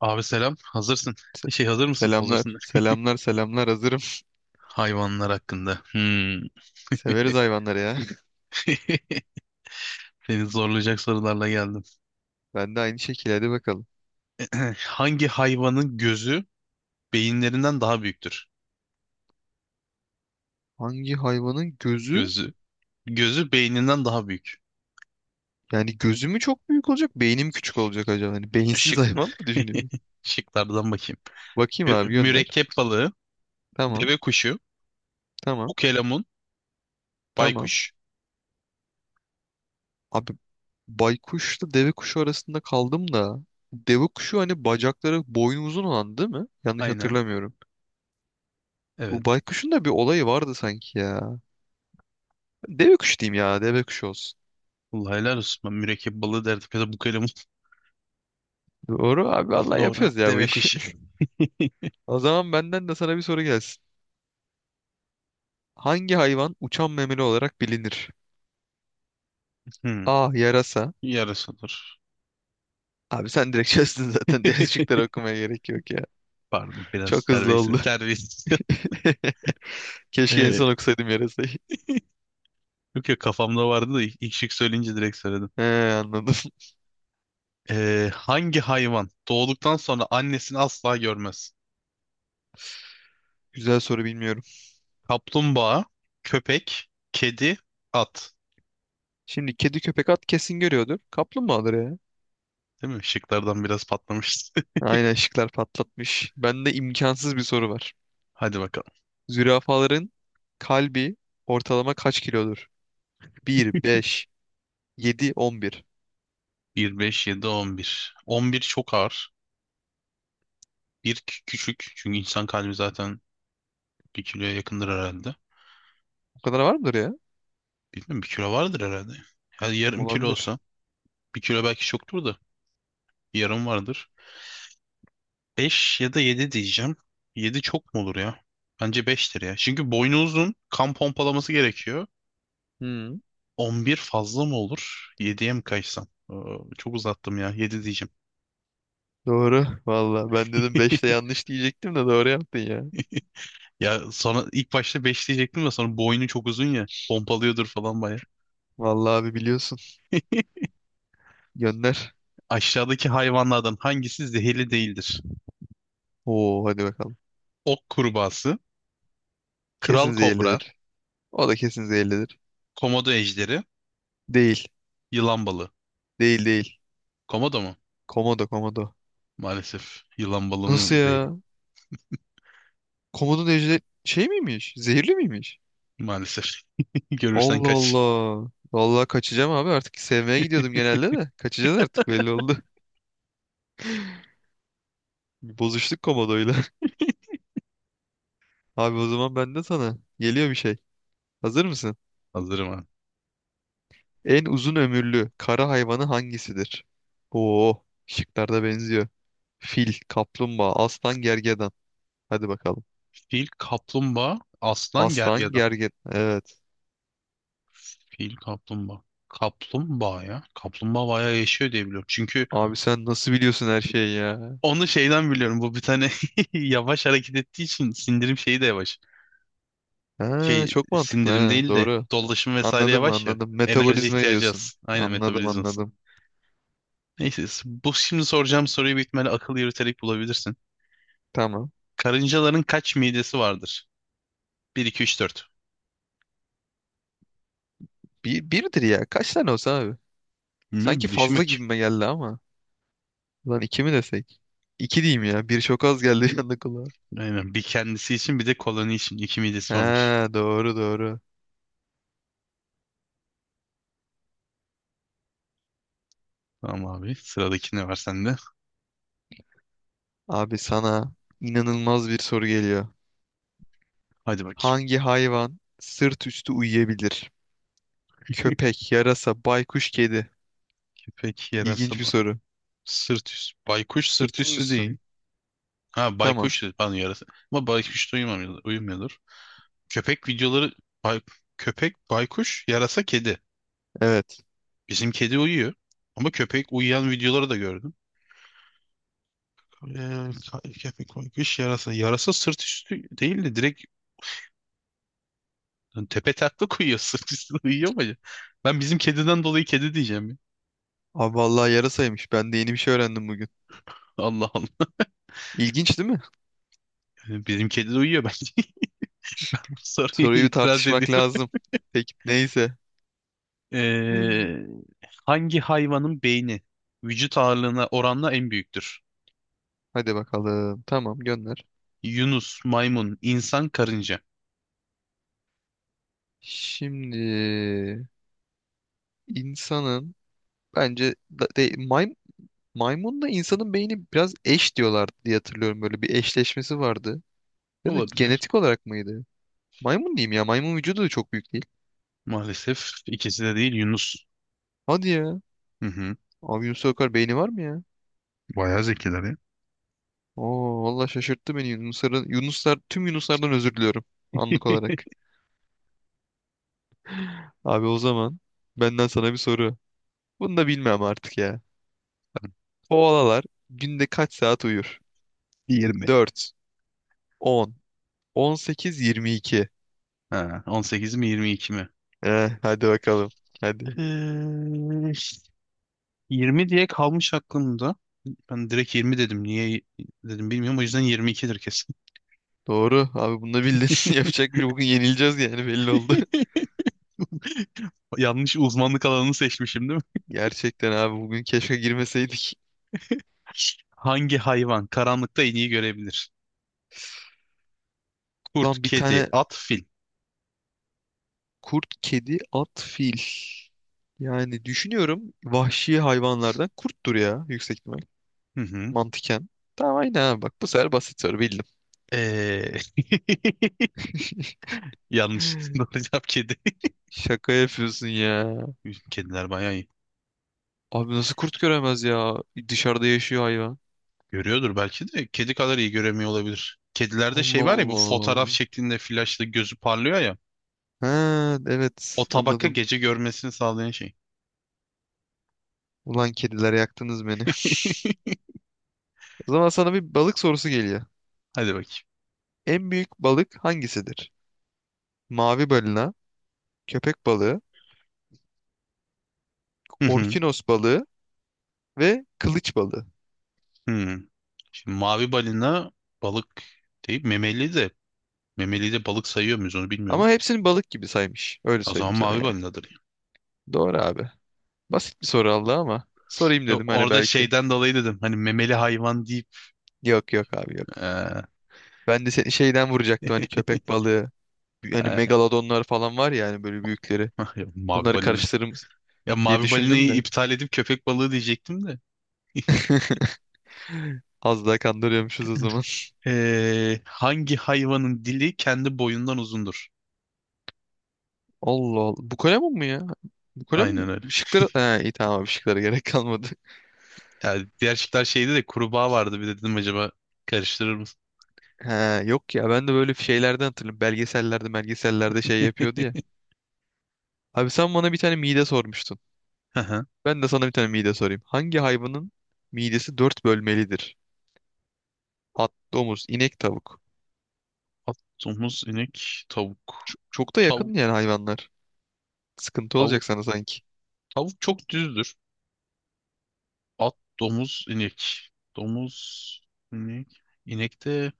Abi selam. Hazırsın. Şey hazır mısın? Hazırsın. Selamlar. Selamlar selamlar hazırım. Hayvanlar hakkında. Hmm. Severiz hayvanları ya. Seni zorlayacak sorularla geldim. Ben de aynı şekilde hadi bakalım. Hangi hayvanın gözü beyinlerinden daha büyüktür? Hangi hayvanın gözü Gözü. Gözü beyninden daha büyük. yani gözü mü çok büyük olacak beynim küçük olacak acaba? Hani beyinsiz Şık. hayvan mı düşünüyorum? Şıklardan bakayım. Bakayım abi gönder. Mürekkep balığı, Tamam deve kuşu, tamam ukelemun, tamam. baykuş. Abi baykuşla deve kuşu arasında kaldım da. Deve kuşu hani bacakları boynu uzun olan değil mi? Yanlış Aynen. hatırlamıyorum. Evet. Bu baykuşun da bir olayı vardı sanki ya. Deve kuşu diyeyim ya, deve kuşu olsun. Allah helal olsun. Ben mürekkep balığı derdim ya da bukelemun. Doğru abi, vallahi Doğru. yapıyoruz ya bu Deve işi. kuşu. O zaman benden de sana bir soru gelsin. Hangi hayvan uçan memeli olarak bilinir? Hmm. A. Yarasa. Yarısı olur. Abi sen direkt çözdün zaten. Deniz okumaya gerek yok ya. Pardon biraz Çok hızlı servis oldu. servis. Keşke en Ee, son okusaydım yarasayı. Yok ya kafamda vardı da ilk şık söyleyince direkt söyledim. He, anladım. Hangi hayvan doğduktan sonra annesini asla görmez? Güzel soru, bilmiyorum. Kaplumbağa, köpek, kedi, at. Şimdi kedi köpek at kesin görüyordur. Kaplumbağadır ya. Değil mi? Şıklardan biraz patlamıştı. Aynen, şıklar patlatmış. Bende imkansız bir soru var. Hadi bakalım. Zürafaların kalbi ortalama kaç kilodur? 1, 5, 7, 11. 1, 5, 7, 11. 11 çok ağır. Küçük. Çünkü insan kalbi zaten bir kiloya yakındır herhalde. O kadar var mıdır ya? Bilmiyorum bir kilo vardır herhalde. Yani yarım kilo Olabilir. olsa. Bir kilo belki çoktur da. Yarım vardır. 5 ya da 7 diyeceğim. 7 çok mu olur ya? Bence 5'tir ya. Çünkü boynu uzun, kan pompalaması gerekiyor. Hmm. 11 fazla mı olur? 7'ye mi kaçsam? Çok uzattım ya. Yedi diyeceğim. Doğru. Valla ben dedim beşte, yanlış diyecektim de doğru yaptın ya. Ya sonra ilk başta 5 diyecektim de sonra boynu çok uzun ya. Pompalıyordur falan baya. Valla abi, biliyorsun. Gönder. Aşağıdaki hayvanlardan hangisi zehirli değildir? Oo, hadi bakalım. Ok kurbağası, kral Kesin kobra, zehirlidir. O da kesin zehirlidir. komodo ejderi, Değil. yılan balığı. Değil değil. Komodo mu? Komodo komodo. Maalesef. Yılan Nasıl balığının zehri. ya? Komodo ejder şey miymiş? Zehirli miymiş? Maalesef. Görürsen Allah kaç. Allah. Valla kaçacağım abi, artık sevmeye gidiyordum genelde de. Kaçacağız artık, belli oldu. Bir, bozuştuk komodoyla. Abi o zaman ben de sana. Geliyor bir şey. Hazır mısın? Hazırım. En uzun ömürlü kara hayvanı hangisidir? Oo, şıklarda benziyor. Fil, kaplumbağa, aslan, gergedan. Hadi bakalım. Fil, kaplumbağa, aslan, Aslan, gergedan. gergedan. Evet. Fil, kaplumbağa. Kaplumbağa ya. Kaplumbağa bayağı yaşıyor diye biliyorum. Çünkü Abi sen nasıl biliyorsun her şeyi ya? onu şeyden biliyorum. Bu bir tane yavaş hareket ettiği için sindirim şeyi de yavaş. Ha, Şey çok mantıklı sindirim ha. değil de Doğru. dolaşım vesaire Anladım yavaş ya. anladım. Enerji Metabolizma ihtiyacı diyorsun. az. Aynen Anladım metabolizması. anladım. Neyse bu şimdi soracağım soruyu büyük ihtimalle akıl yürüterek bulabilirsin. Tamam. Karıncaların kaç midesi vardır? Bir 2 3 4. Bir, birdir ya. Kaç tane olsa abi? Bilmiyorum Sanki bir düşün fazla bakayım. gibime geldi ama. Lan iki mi desek? İki diyeyim ya. Bir çok az geldi, yandı kulağa. Aynen bir kendisi için bir de koloni için. İki midesi varmış. Ha, doğru doğru. Tamam abi. Sıradaki ne var sende? Abi sana inanılmaz bir soru geliyor. Hadi bakayım. Hangi hayvan sırt üstü uyuyabilir? Köpek, yarasa, baykuş, kedi. Köpek yarasa İlginç bir soru. sırt üstü. Baykuş sırt Sırtının üstü üstü mü? değil. Ha Tamam. baykuş dedi. Pardon yarasa. Ama baykuş da uyumuyordur. Köpek videoları bay- köpek baykuş yarasa kedi. Evet. Bizim kedi uyuyor. Ama köpek uyuyan videoları da gördüm. Ee, Köpek baykuş yarasa. Yarasa sırt üstü değil de direkt tepe taklak uyuyor. Sırt üstü uyuyor mu acaba? Ben bizim kediden dolayı kedi diyeceğim ya. Abi vallahi yarasaymış. Ben de yeni bir şey öğrendim bugün. Allah Allah. İlginç değil mi? Yani bizim kedi de uyuyor bence. Bu soruya Soruyu bir itiraz ediyor. tartışmak lazım. Peki neyse. Ee, Hangi hayvanın beyni vücut ağırlığına oranla en büyüktür? Hadi bakalım. Tamam, gönder. Yunus, maymun, insan, karınca. Şimdi insanın bence maymunla insanın beyni biraz eş diyorlardı diye hatırlıyorum. Böyle bir eşleşmesi vardı. Ya da Olabilir. genetik olarak mıydı? Maymun diyeyim ya. Maymun vücudu da çok büyük değil. Maalesef ikisi de değil Yunus. Hadi ya. Hı hı. Abi Yunus Akar beyni var mı ya? Bayağı zekiler ya. Oo vallahi şaşırttı beni Yunusların, Yunuslar, tüm Yunuslardan özür diliyorum anlık olarak. Abi o zaman benden sana bir soru. Bunu da bilmem artık ya. Koalalar günde kaç saat uyur? 20. Dört, on, on sekiz, yirmi iki. Ha, 18 mi 22 mi? Eh, hadi bakalım. Hadi. Ee, 20 diye kalmış aklımda. Ben direkt 20 dedim. Niye dedim bilmiyorum. O yüzden 22'dir kesin. Doğru abi, bunu da bildin. Yapacak bir şey. Bugün yenileceğiz yani, belli oldu. Yanlış uzmanlık alanını seçmişim. Gerçekten abi, bugün keşke girmeseydik. Hangi hayvan karanlıkta en iyi görebilir? Kurt, Lan bir kedi, tane. at, fil. Kurt, kedi, at, fil. Yani düşünüyorum, vahşi hayvanlardan kurttur ya, yüksek ihtimal. Hı hı. Mantıken. Tamam aynen abi, bak bu sefer basit soru bildim. Ee, Yanlış. Doğru cevap kedi. Şaka yapıyorsun ya. Kediler bayağı iyi. Abi nasıl kurt göremez ya? Dışarıda yaşıyor hayvan. Görüyordur belki de. Kedi kadar iyi göremiyor olabilir. Kedilerde şey Allah var ya bu fotoğraf Allah. şeklinde flaşla gözü parlıyor ya. Ha O evet, tabaka anladım. gece görmesini sağlayan şey. Ulan kediler, yaktınız beni. O zaman sana bir balık sorusu geliyor. Hadi bakayım. En büyük balık hangisidir? Mavi balina, köpek balığı, Hı hı. orkinos balığı ve kılıç balığı. Hı. Şimdi mavi balina balık değil memeli de balık sayıyor muyuz onu bilmiyorum. Ama hepsini balık gibi saymış. Öyle O zaman söyleyeyim sana mavi yani. balinadır. Doğru abi. Basit bir soru aldı ama sorayım Yok dedim, hani orada belki. şeyden dolayı dedim. Hani memeli hayvan deyip Yok yok abi, yok. eee, Ben de seni şeyden vuracaktım, hani köpek balığı. Hani eee, megalodonlar falan var ya, hani böyle büyükleri. mavi Onları balina. karıştırırım Ya diye mavi düşündüm balinayı de. iptal edip köpek balığı diyecektim de. Az daha kandırıyormuşuz o zaman. Hangi hayvanın dili kendi boyundan uzundur? Allah Allah. Bu kalem mu ya? Bu kalem mi? Aynen öyle. Işıkları... He, iyi tamam abi, ışıklara gerek kalmadı. Yani diğer şıklar şeydi de kurbağa vardı. Bir de dedim acaba karıştırır mısın? He, yok ya, ben de böyle şeylerden hatırlıyorum. Belgesellerde şey yapıyordu ya. Abi sen bana bir tane mide sormuştun. Hı hı. Ben de sana bir tane mide sorayım. Hangi hayvanın midesi dört bölmelidir? At, domuz, inek, tavuk. At, domuz, inek, tavuk. Çok da Tavuk, yakın yani hayvanlar. Sıkıntı olacak tavuk, sana sanki. Tavuk çok düzdür. At, domuz, inek. Domuz, inek. İnek de...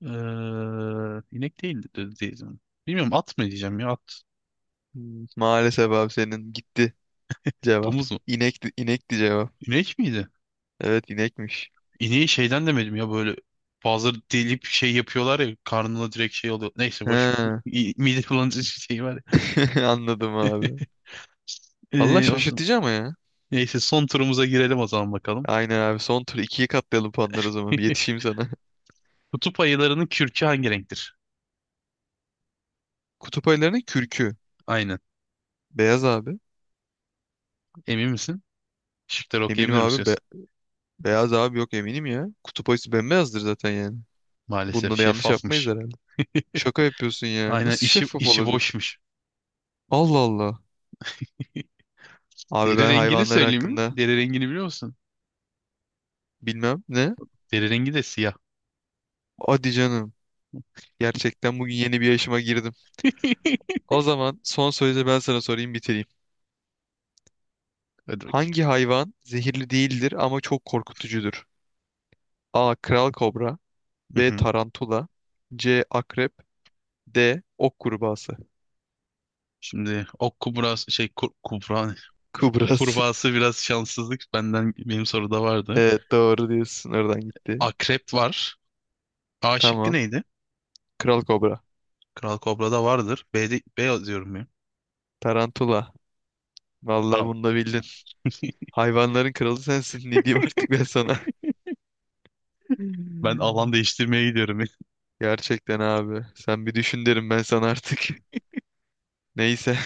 Eee, inek değildi değil mi? Bilmiyorum at mı diyeceğim ya at. Hmm, maalesef abi, senin gitti cevap. Domuz mu? İnekti, inekti cevap. İnek miydi? Evet inekmiş. İneği şeyden demedim ya böyle bazıları delip şey yapıyorlar ya karnına direkt şey oluyor. Neyse boş ver. He, Mide bulandırıcı şey var ya. anladım abi. Valla Eee, o zaman- şaşırtıcı ama ya. Neyse son turumuza girelim o zaman bakalım. Aynen abi, son tur ikiye katlayalım puanları o zaman. Bir yetişeyim sana. Kutup ayılarının kürkü hangi renktir? Kutup ayılarının kürkü. Aynen. Beyaz abi. Emin misin? Şıkları Eminim okuyabilir abi. Be- misiniz? beyaz abi yok, eminim ya. Kutup ayısı bembeyazdır zaten yani. Maalesef Bunda da yanlış yapmayız şeffafmış. herhalde. Şaka yapıyorsun ya. Aynen Nasıl işi şeffaf işi olabilir? boşmuş. Allah Allah. Abi Deri ben rengini hayvanlar söyleyeyim mi? hakkında Deri rengini biliyor musun? bilmem ne. Deri rengi de siyah. Hadi canım. Gerçekten bugün yeni bir yaşıma girdim. O zaman son sözü ben sana sorayım, bitireyim. Hadi bakayım. Hangi hayvan zehirli değildir ama çok korkutucudur? A. Kral kobra. Hı B. hı. Tarantula. C. Akrep. D. Ok kurbağası. Şimdi ok kubrası şey kur, kubra ne? Kubrası. Kurbağası biraz şanssızlık benim soruda vardı. Evet doğru diyorsun. Oradan gitti. Akrep var. A şıkkı Tamam. neydi? Kral kobra. Kral Kobra da vardır. B'de B diyorum ya. Tarantula. Vallahi Tamam. bunu da bildin. Hayvanların kralı sensin. Ne diyeyim artık ben sana? Ben alan Hmm. değiştirmeye gidiyorum Gerçekten abi. Sen bir düşün derim ben sana artık. Neyse.